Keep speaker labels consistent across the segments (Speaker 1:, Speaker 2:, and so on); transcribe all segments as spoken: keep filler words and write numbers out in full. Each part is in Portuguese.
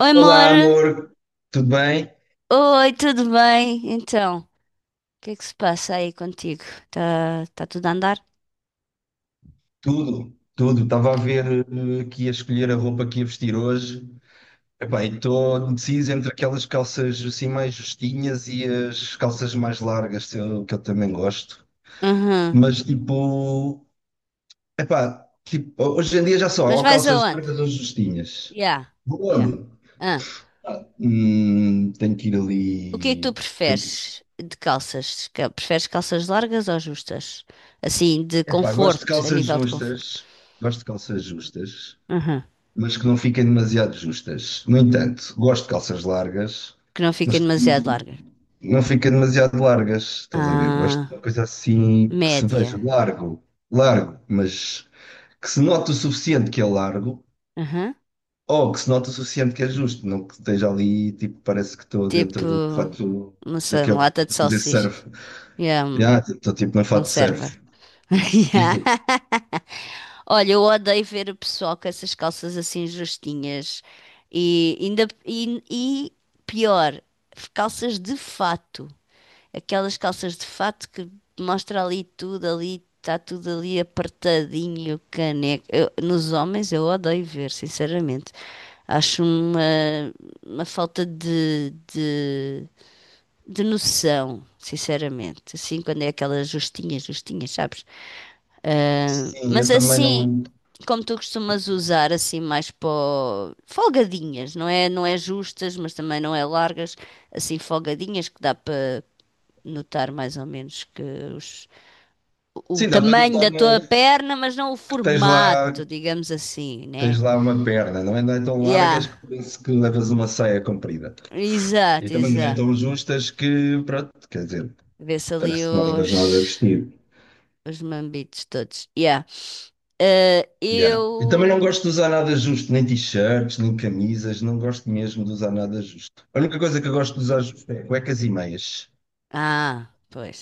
Speaker 1: Oi,
Speaker 2: Olá,
Speaker 1: amor.
Speaker 2: amor, tudo bem?
Speaker 1: Oi, tudo bem? Então, o que é que se passa aí contigo? Tá, tá tudo a andar?
Speaker 2: Tudo, tudo. Estava a ver eh, aqui a escolher a roupa que ia vestir hoje. Epá, estou indeciso entre aquelas calças assim mais justinhas e as calças mais largas, que eu, que eu também gosto.
Speaker 1: Uhum.
Speaker 2: Mas tipo, epá, tipo, hoje em dia já só há
Speaker 1: Mas
Speaker 2: ou
Speaker 1: vais
Speaker 2: calças
Speaker 1: aonde?
Speaker 2: largas ou justinhas.
Speaker 1: Yeah,
Speaker 2: Vou
Speaker 1: yeah.
Speaker 2: onde?
Speaker 1: Ah,
Speaker 2: Ah, hum, tenho que ir
Speaker 1: o que é que tu
Speaker 2: ali. Tenho que...
Speaker 1: preferes de calças? Ca- Preferes calças largas ou justas? Assim, de
Speaker 2: Epá, gosto de
Speaker 1: conforto, a
Speaker 2: calças
Speaker 1: nível de conforto.
Speaker 2: justas. Gosto de calças justas,
Speaker 1: Uhum.
Speaker 2: mas que não fiquem demasiado justas. No entanto, gosto de calças largas,
Speaker 1: Que não
Speaker 2: mas
Speaker 1: fiquem
Speaker 2: que
Speaker 1: demasiado
Speaker 2: não,
Speaker 1: largas.
Speaker 2: não fiquem demasiado largas, estás a ver? Gosto de uma
Speaker 1: Ah,
Speaker 2: coisa assim que se
Speaker 1: média.
Speaker 2: veja largo, largo, mas que se note o suficiente que é largo,
Speaker 1: Uhum.
Speaker 2: ou que se note o suficiente que é justo, não que esteja ali, tipo, parece que estou
Speaker 1: Tipo,
Speaker 2: dentro de um fato
Speaker 1: não sei, uma
Speaker 2: daqueles
Speaker 1: lata de
Speaker 2: para fazer
Speaker 1: salsichas.
Speaker 2: surf.
Speaker 1: Yeah, um-
Speaker 2: Ah, estou tipo num fato de
Speaker 1: conserva.
Speaker 2: surf. E
Speaker 1: Yeah.
Speaker 2: tu?
Speaker 1: Olha, eu odeio ver o pessoal com essas calças assim justinhas e ainda e, e pior, calças de fato, aquelas calças de fato que mostra ali tudo ali, está tudo ali apertadinho, caneco. Eu- nos homens eu odeio ver, sinceramente. Acho uma, uma falta de, de, de noção, sinceramente. Assim, quando é aquelas justinhas, justinhas, sabes? Ah,
Speaker 2: Sim, eu
Speaker 1: mas
Speaker 2: também
Speaker 1: assim,
Speaker 2: não.
Speaker 1: como tu costumas usar, assim, mais para o- folgadinhas, não é, não é justas, mas também não é largas, assim, folgadinhas que dá para notar mais ou menos que os- o
Speaker 2: Sim, dá para
Speaker 1: tamanho
Speaker 2: notar,
Speaker 1: da tua
Speaker 2: né,
Speaker 1: perna, mas não o
Speaker 2: que tens lá
Speaker 1: formato, digamos assim, né?
Speaker 2: tens lá uma perna, não é, não é tão
Speaker 1: Yeah,
Speaker 2: largas que parece que levas uma saia comprida. E
Speaker 1: exato,
Speaker 2: também não é
Speaker 1: exato.
Speaker 2: tão justas que, pronto, quer dizer,
Speaker 1: Vê-se ali
Speaker 2: parece que não levas
Speaker 1: os,
Speaker 2: nada a vestir.
Speaker 1: os mambitos todos. Yeah. Ah,
Speaker 2: Yeah. E também não
Speaker 1: eu.
Speaker 2: gosto de usar nada justo, nem t-shirts, nem camisas, não gosto mesmo de usar nada justo. A única coisa que eu gosto de usar justo é cuecas e meias.
Speaker 1: Ah, pois.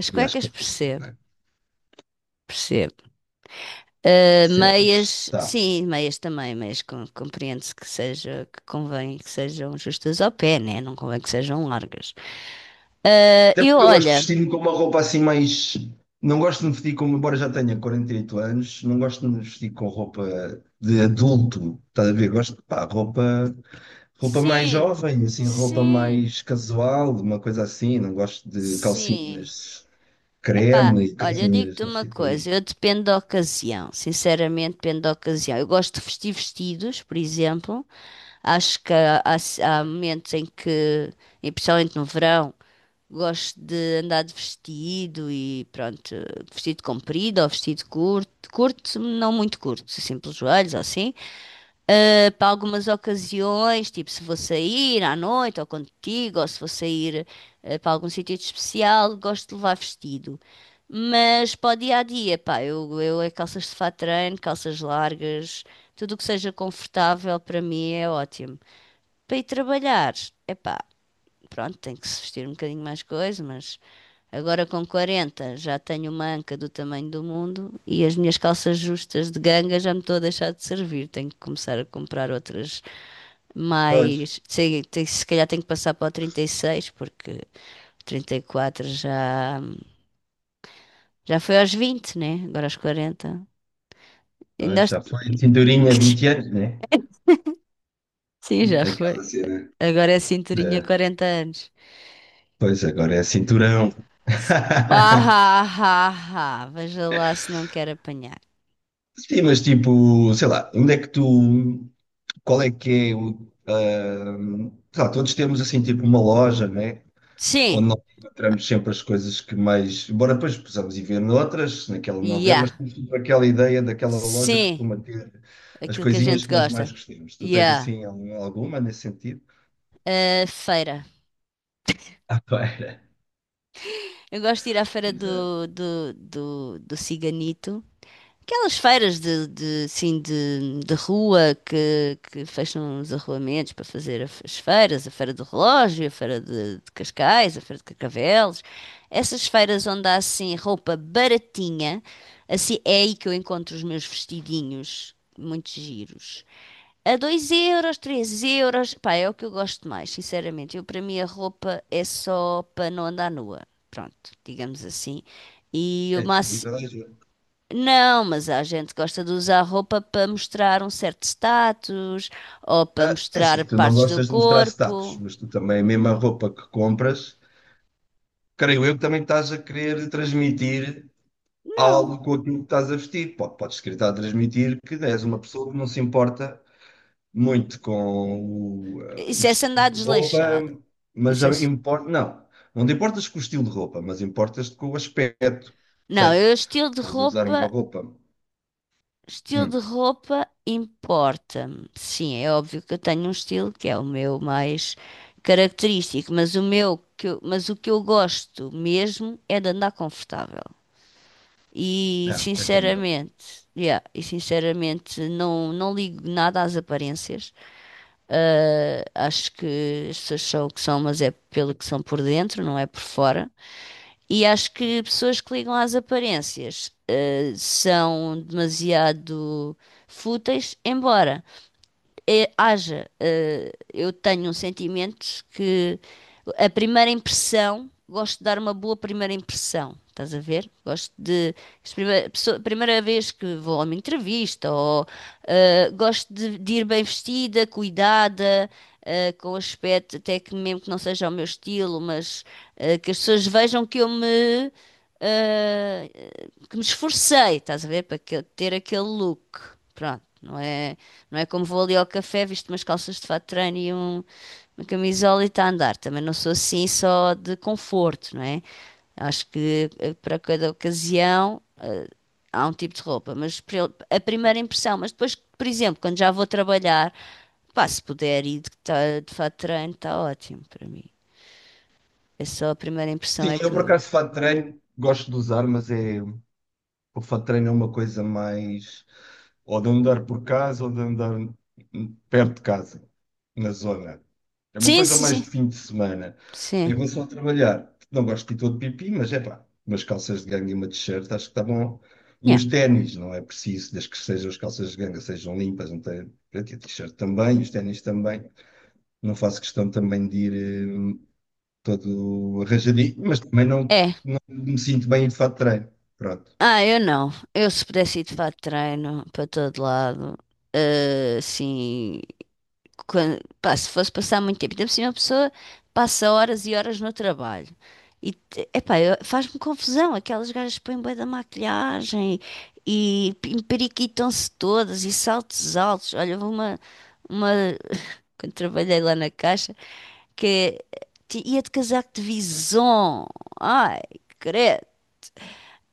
Speaker 1: As
Speaker 2: E acho
Speaker 1: cuecas
Speaker 2: que faz giro, não
Speaker 1: percebo,
Speaker 2: é?
Speaker 1: percebo. Uh,
Speaker 2: Percebes?
Speaker 1: meias,
Speaker 2: Tá.
Speaker 1: sim, meias também, meias com- compreende-se que seja, que convém que sejam justas ao pé, né? Não convém que sejam largas. Uh,
Speaker 2: Até
Speaker 1: eu,
Speaker 2: porque eu gosto de
Speaker 1: olha,
Speaker 2: vestir-me com uma roupa assim mais. Não gosto de me vestir como, embora já tenha quarenta e oito anos, não gosto de me vestir com roupa de adulto, estás a ver? Gosto de pá, roupa, roupa mais
Speaker 1: sim,
Speaker 2: jovem, assim, roupa
Speaker 1: sim,
Speaker 2: mais casual, uma coisa assim. Não gosto de
Speaker 1: sim.
Speaker 2: calcinhas
Speaker 1: Epá,
Speaker 2: creme e
Speaker 1: olha, eu
Speaker 2: calcinhas
Speaker 1: digo-te
Speaker 2: não
Speaker 1: uma
Speaker 2: sei o quê.
Speaker 1: coisa, eu dependo da ocasião, sinceramente dependo da ocasião. Eu gosto de vestir vestidos, por exemplo, acho que há, há há momentos em que, e principalmente no verão, gosto de andar de vestido e pronto, vestido comprido ou vestido curto, curto, não muito curto, assim pelos joelhos ou assim. Ah, para algumas ocasiões, tipo se vou sair à noite ou contigo, ou se vou sair ah, para algum sítio de especial, gosto de levar vestido. Mas para o dia a dia, pá, eu, eu é calças de fato de treino, calças largas, tudo o que seja confortável para mim é ótimo. Para ir trabalhar, é pá, pronto, tem que se vestir um bocadinho mais coisa, mas agora com quarenta já tenho uma anca do tamanho do mundo e as minhas calças justas de ganga já me estou a deixar de servir. Tenho que começar a comprar outras
Speaker 2: Pois,
Speaker 1: mais. Sei, se calhar tenho que passar para o trinta e seis porque trinta e quatro já, já foi aos vinte, né? Agora aos quarenta. E
Speaker 2: pois,
Speaker 1: nós...
Speaker 2: já foi cinturinha há vinte anos, né?
Speaker 1: Sim, já foi.
Speaker 2: Aquela cena.
Speaker 1: Agora é cinturinha
Speaker 2: É,
Speaker 1: quarenta anos.
Speaker 2: pois agora é cinturão.
Speaker 1: Ah, ah, ah, ah. Ah. Veja lá se não quer apanhar.
Speaker 2: Sim, mas tipo, sei lá, onde é que tu qual é que é o. Ah, sei lá, todos temos assim tipo uma loja, né?
Speaker 1: Sim,
Speaker 2: Onde nós encontramos sempre as coisas que mais. Embora depois possamos ir ver noutras, naquela não ver, mas
Speaker 1: já.
Speaker 2: temos sempre aquela ideia daquela loja que
Speaker 1: Sim.
Speaker 2: costuma ter as
Speaker 1: Aquilo que a
Speaker 2: coisinhas
Speaker 1: gente
Speaker 2: que nós mais
Speaker 1: gosta.
Speaker 2: gostamos. Tu tens
Speaker 1: Yeah.
Speaker 2: assim algum- alguma nesse sentido?
Speaker 1: A feira.
Speaker 2: Ah, pera.
Speaker 1: Eu gosto de ir à feira
Speaker 2: Exato.
Speaker 1: do, do, do, do Ciganito. Aquelas feiras de, de, assim, de, de rua que, que fecham os arruamentos para fazer a- as feiras, a feira do relógio, a feira de, de Cascais, a feira de Carcavelos. Essas feiras onde há assim roupa baratinha, assim é aí que eu encontro os meus vestidinhos muito giros. A dois euros, três euros, pá, é o que eu gosto mais, sinceramente. Eu, para mim, a roupa é só para não andar nua. Pronto, digamos assim. E o
Speaker 2: É destruir
Speaker 1: máximo.
Speaker 2: toda a gente.
Speaker 1: Não, mas há gente que gosta de usar roupa para mostrar um certo status ou para
Speaker 2: Ah, é
Speaker 1: mostrar
Speaker 2: assim, tu não
Speaker 1: partes do
Speaker 2: gostas de mostrar status,
Speaker 1: corpo.
Speaker 2: mas tu também, a mesma roupa que compras, creio eu que também estás a querer transmitir
Speaker 1: Não,
Speaker 2: algo com aquilo que estás a vestir. Pode- Podes tentar transmitir que és uma pessoa que não se importa muito com o, eh, o
Speaker 1: isso é se andar
Speaker 2: estilo de roupa,
Speaker 1: desleixado.
Speaker 2: mas
Speaker 1: Isso
Speaker 2: já
Speaker 1: é se-
Speaker 2: importa. Não, não te importas com o estilo de roupa, mas importas-te com o aspecto. Ou
Speaker 1: Não,
Speaker 2: seja,
Speaker 1: eu estilo de
Speaker 2: podes usar uma
Speaker 1: roupa.
Speaker 2: roupa.
Speaker 1: Estilo de
Speaker 2: Hum,
Speaker 1: roupa importa-me. Sim, é óbvio que eu tenho um estilo que é o meu mais característico, mas o meu que eu- mas o que eu gosto mesmo é de andar confortável. E
Speaker 2: não, é como eu.
Speaker 1: sinceramente, yeah, e sinceramente não não ligo nada às aparências. Eh, acho que as pessoas são o que são, mas é pelo que são por dentro, não é por fora. E acho que pessoas que ligam às aparências, eh, são demasiado fúteis, embora é- haja, eh, eu tenho um sentimento que a primeira impressão, gosto de dar uma boa primeira impressão, estás a ver? Gosto de, as prime- a pessoa- a primeira vez que vou a uma entrevista, ou eh, gosto de, de ir bem vestida, cuidada, eh, com aspecto até que mesmo que não seja o meu estilo, mas eh, que as pessoas vejam que eu me ah, que me esforcei, estás a ver, para que- ter aquele look. Pronto, não é, não é como vou ali ao café, visto umas calças de fato de treino e um- uma camisola e está a andar. Também não sou assim só de conforto, não é? Acho que eh, para cada ocasião eh, há um tipo de roupa, mas pri- a primeira impressão, mas depois, por exemplo, quando já vou trabalhar, pá, se puder ir de, tá, de fato de treino, está ótimo para mim. É só a primeira impressão
Speaker 2: Sim,
Speaker 1: é
Speaker 2: eu
Speaker 1: que
Speaker 2: por
Speaker 1: eu...
Speaker 2: acaso fato de treino gosto de usar, mas é. O fat treino é uma coisa mais ou de andar por casa ou de andar perto de casa, na zona. É uma
Speaker 1: Sim,
Speaker 2: coisa
Speaker 1: sim,
Speaker 2: mais
Speaker 1: sim.
Speaker 2: de fim de semana. Em
Speaker 1: Sim.
Speaker 2: relação a trabalhar, não gosto de ir todo pipi, mas é pá, umas calças de ganga e uma t-shirt acho que está bom. E
Speaker 1: Yeah.
Speaker 2: os ténis, não é preciso, desde que sejam as calças de ganga sejam limpas, não tem, pronto. E a t-shirt também, os ténis também. Não faço questão também de ir hum, todo arranjadinho, mas também não,
Speaker 1: É.
Speaker 2: não me sinto bem de fato de treino. Pronto.
Speaker 1: Ah, eu não. Eu se pudesse ir de fato de treino para todo lado, eh, assim, quan- pá, se fosse passar muito tempo, ainda por cima a pessoa passa horas e horas no trabalho. E, te- epá, eu- faz-me confusão, aquelas gajas que põem bué da maquilhagem e periquitam se todas e saltos altos. Olha, houve uma, uma, quando trabalhei lá na caixa, que eh, ti- ia de casaco de vison. Ai, credo.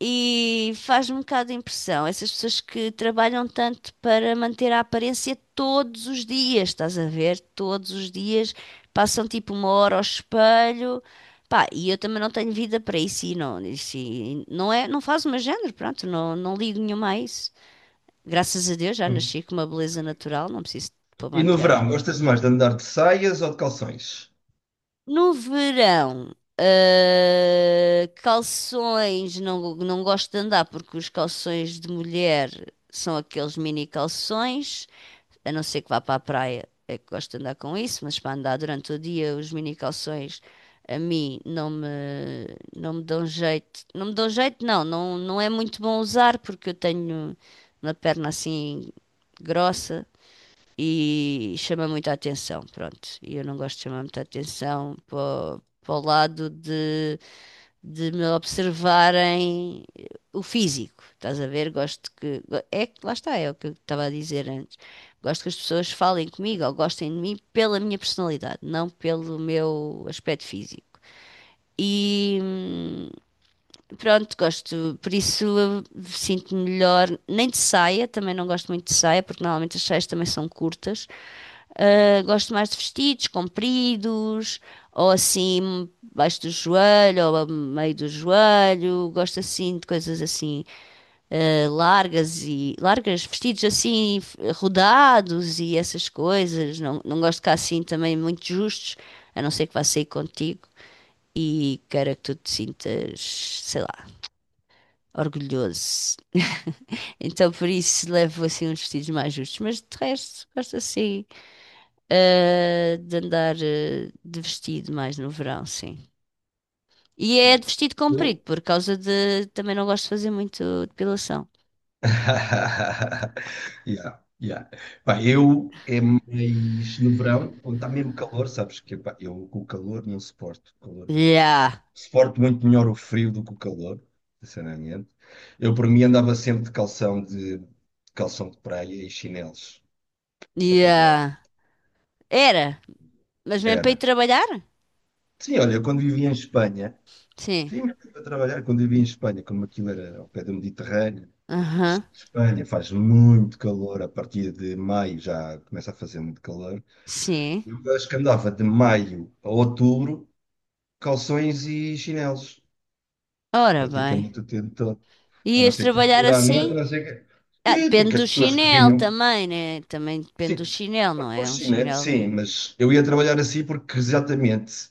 Speaker 1: E faz-me um bocado de impressão, essas pessoas que trabalham tanto para manter a aparência todos os dias, estás a ver? Todos os dias passam tipo uma hora ao espelho, pá, e eu também não tenho vida para isso e não, isso, e não é, não faz o meu género, pronto, não, não ligo nenhuma a isso. Graças a Deus já nasci com uma beleza natural, não preciso de pôr
Speaker 2: E no
Speaker 1: maquilhar.
Speaker 2: verão, gostas mais de andar de saias ou de calções?
Speaker 1: No verão, eh, calções, não, não gosto de andar porque os calções de mulher são aqueles mini calções, a não ser que vá para a praia, é que gosto de andar com isso, mas para andar durante o dia, os mini calções a mim não me, não me dão jeito. Não me dão jeito, não, não, não é muito bom usar porque eu tenho uma perna assim grossa e chama muita atenção, pronto. E eu não gosto de chamar muita atenção para, o- para o lado de, de me observarem eh, o físico, estás a ver? Gosto que. go- É que lá está, é o que eu estava a dizer antes. Gosto que as pessoas falem comigo ou gostem de mim pela minha personalidade, não pelo meu aspecto físico. E. hum, Pronto, gosto, por isso eh, sinto-me melhor. Nem de saia, também não gosto muito de saia, porque normalmente as saias também são curtas. Ah, gosto mais de vestidos compridos, ou assim, baixo do joelho, ou a meio do joelho. Gosto assim de coisas assim, ah, largas e largas, vestidos assim, f- rodados e essas coisas. Não, não gosto de cá assim também muito justos, a não ser que vá sair contigo e queira que tu te sintas, sei lá, orgulhoso. Então, por isso, levo assim uns vestidos mais justos. Mas de resto, gosto assim, eh, de andar, eh, de vestido mais no verão, sim. E é
Speaker 2: Hum.
Speaker 1: de vestido comprido,
Speaker 2: Eu?
Speaker 1: por causa de. Também não gosto de fazer muito depilação.
Speaker 2: Yeah, yeah. Pá, eu é mais no verão, quando está mesmo calor, sabes que pá, eu com o calor não suporto. O calor-
Speaker 1: Yeah,
Speaker 2: suporto muito melhor o frio do que o calor, sinceramente. Eu por mim andava sempre de calção de calção de praia e chinelos para todo lado.
Speaker 1: yeah. Era, mas mesmo para ir
Speaker 2: Era.
Speaker 1: trabalhar?
Speaker 2: Sim, olha, eu quando vivia em Espanha,
Speaker 1: Sim.
Speaker 2: sim, mas para trabalhar, quando vivia em Espanha, como aquilo era ao pé do Mediterrâneo,
Speaker 1: Aham,
Speaker 2: Espanha faz muito calor, a partir de maio já começa a fazer muito calor.
Speaker 1: sim.
Speaker 2: Eu acho que andava de maio a outubro, calções e chinelos,
Speaker 1: Ora bem.
Speaker 2: praticamente o tempo todo. A não
Speaker 1: Ias
Speaker 2: ser que vá
Speaker 1: trabalhar
Speaker 2: ir à
Speaker 1: assim?
Speaker 2: noite, a não ser que.
Speaker 1: Ah,
Speaker 2: Sim,
Speaker 1: depende
Speaker 2: porque as
Speaker 1: do
Speaker 2: pessoas que
Speaker 1: chinelo
Speaker 2: vinham.
Speaker 1: também, né? Também depende do
Speaker 2: Sim,
Speaker 1: chinelo,
Speaker 2: por
Speaker 1: não
Speaker 2: por
Speaker 1: é? Um
Speaker 2: chinelos,
Speaker 1: chinelo.
Speaker 2: sim, mas eu ia trabalhar assim porque exatamente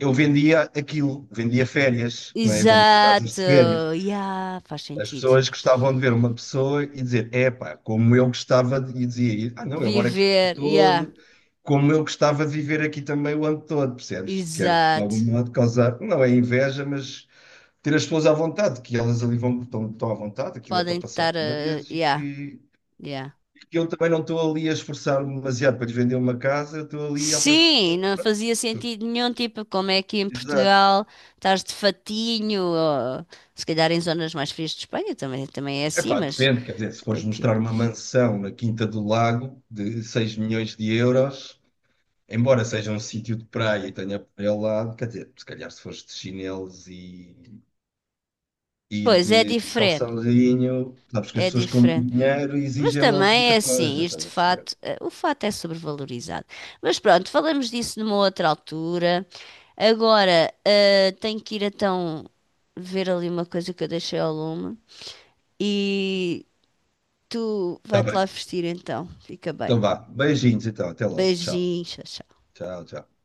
Speaker 2: eu vendia aquilo, vendia férias, não é? Vendia casas
Speaker 1: Exato,
Speaker 2: de férias.
Speaker 1: yeah, faz
Speaker 2: As
Speaker 1: sentido.
Speaker 2: pessoas gostavam de ver uma pessoa e dizer, epá, como eu gostava de... E dizia, ah não, eu moro aqui o ano
Speaker 1: Viver, yeah,
Speaker 2: todo, como eu gostava de viver aqui também o ano todo, percebes? Quero de algum
Speaker 1: exato.
Speaker 2: modo causar, não é inveja, mas ter as pessoas à vontade, que elas ali vão, estão, estão à vontade, aquilo é para
Speaker 1: Podem
Speaker 2: passar
Speaker 1: estar, eh,
Speaker 2: férias e
Speaker 1: yeah,
Speaker 2: que,
Speaker 1: yeah.
Speaker 2: que eu também não estou ali a esforçar-me demasiado para lhes vender uma casa, eu estou ali à procura.
Speaker 1: Sim, não
Speaker 2: Pronto,
Speaker 1: fazia
Speaker 2: tu-
Speaker 1: sentido nenhum, tipo, como é que em
Speaker 2: exato.
Speaker 1: Portugal estás de fatinho, ou, se calhar em zonas mais frias de Espanha também, também é assim,
Speaker 2: Epá,
Speaker 1: mas
Speaker 2: depende, quer dizer, se fores
Speaker 1: aqui.
Speaker 2: mostrar uma mansão na Quinta do Lago de seis milhões de euros. Embora seja um sítio de praia e tenha praia ao lado, quer dizer, se calhar se fores de chinelos e, e
Speaker 1: Pois é
Speaker 2: de
Speaker 1: diferente,
Speaker 2: calçãozinho, sabes que as
Speaker 1: é
Speaker 2: pessoas com muito
Speaker 1: diferente.
Speaker 2: dinheiro
Speaker 1: Mas
Speaker 2: exigem logo
Speaker 1: também é
Speaker 2: muita coisa,
Speaker 1: assim,
Speaker 2: estás
Speaker 1: este
Speaker 2: a perceber?
Speaker 1: fato, eh, o fato é sobrevalorizado. Mas pronto, falamos disso numa outra altura. Agora, eh, tenho que ir então ver ali uma coisa que eu deixei ao lume. E tu
Speaker 2: Está
Speaker 1: vai-te
Speaker 2: bem,
Speaker 1: lá vestir então. Fica bem.
Speaker 2: então vá. Beijinhos então, até logo. Tchau,
Speaker 1: Beijinhos, tchau. Tchau.
Speaker 2: tchau, tchau.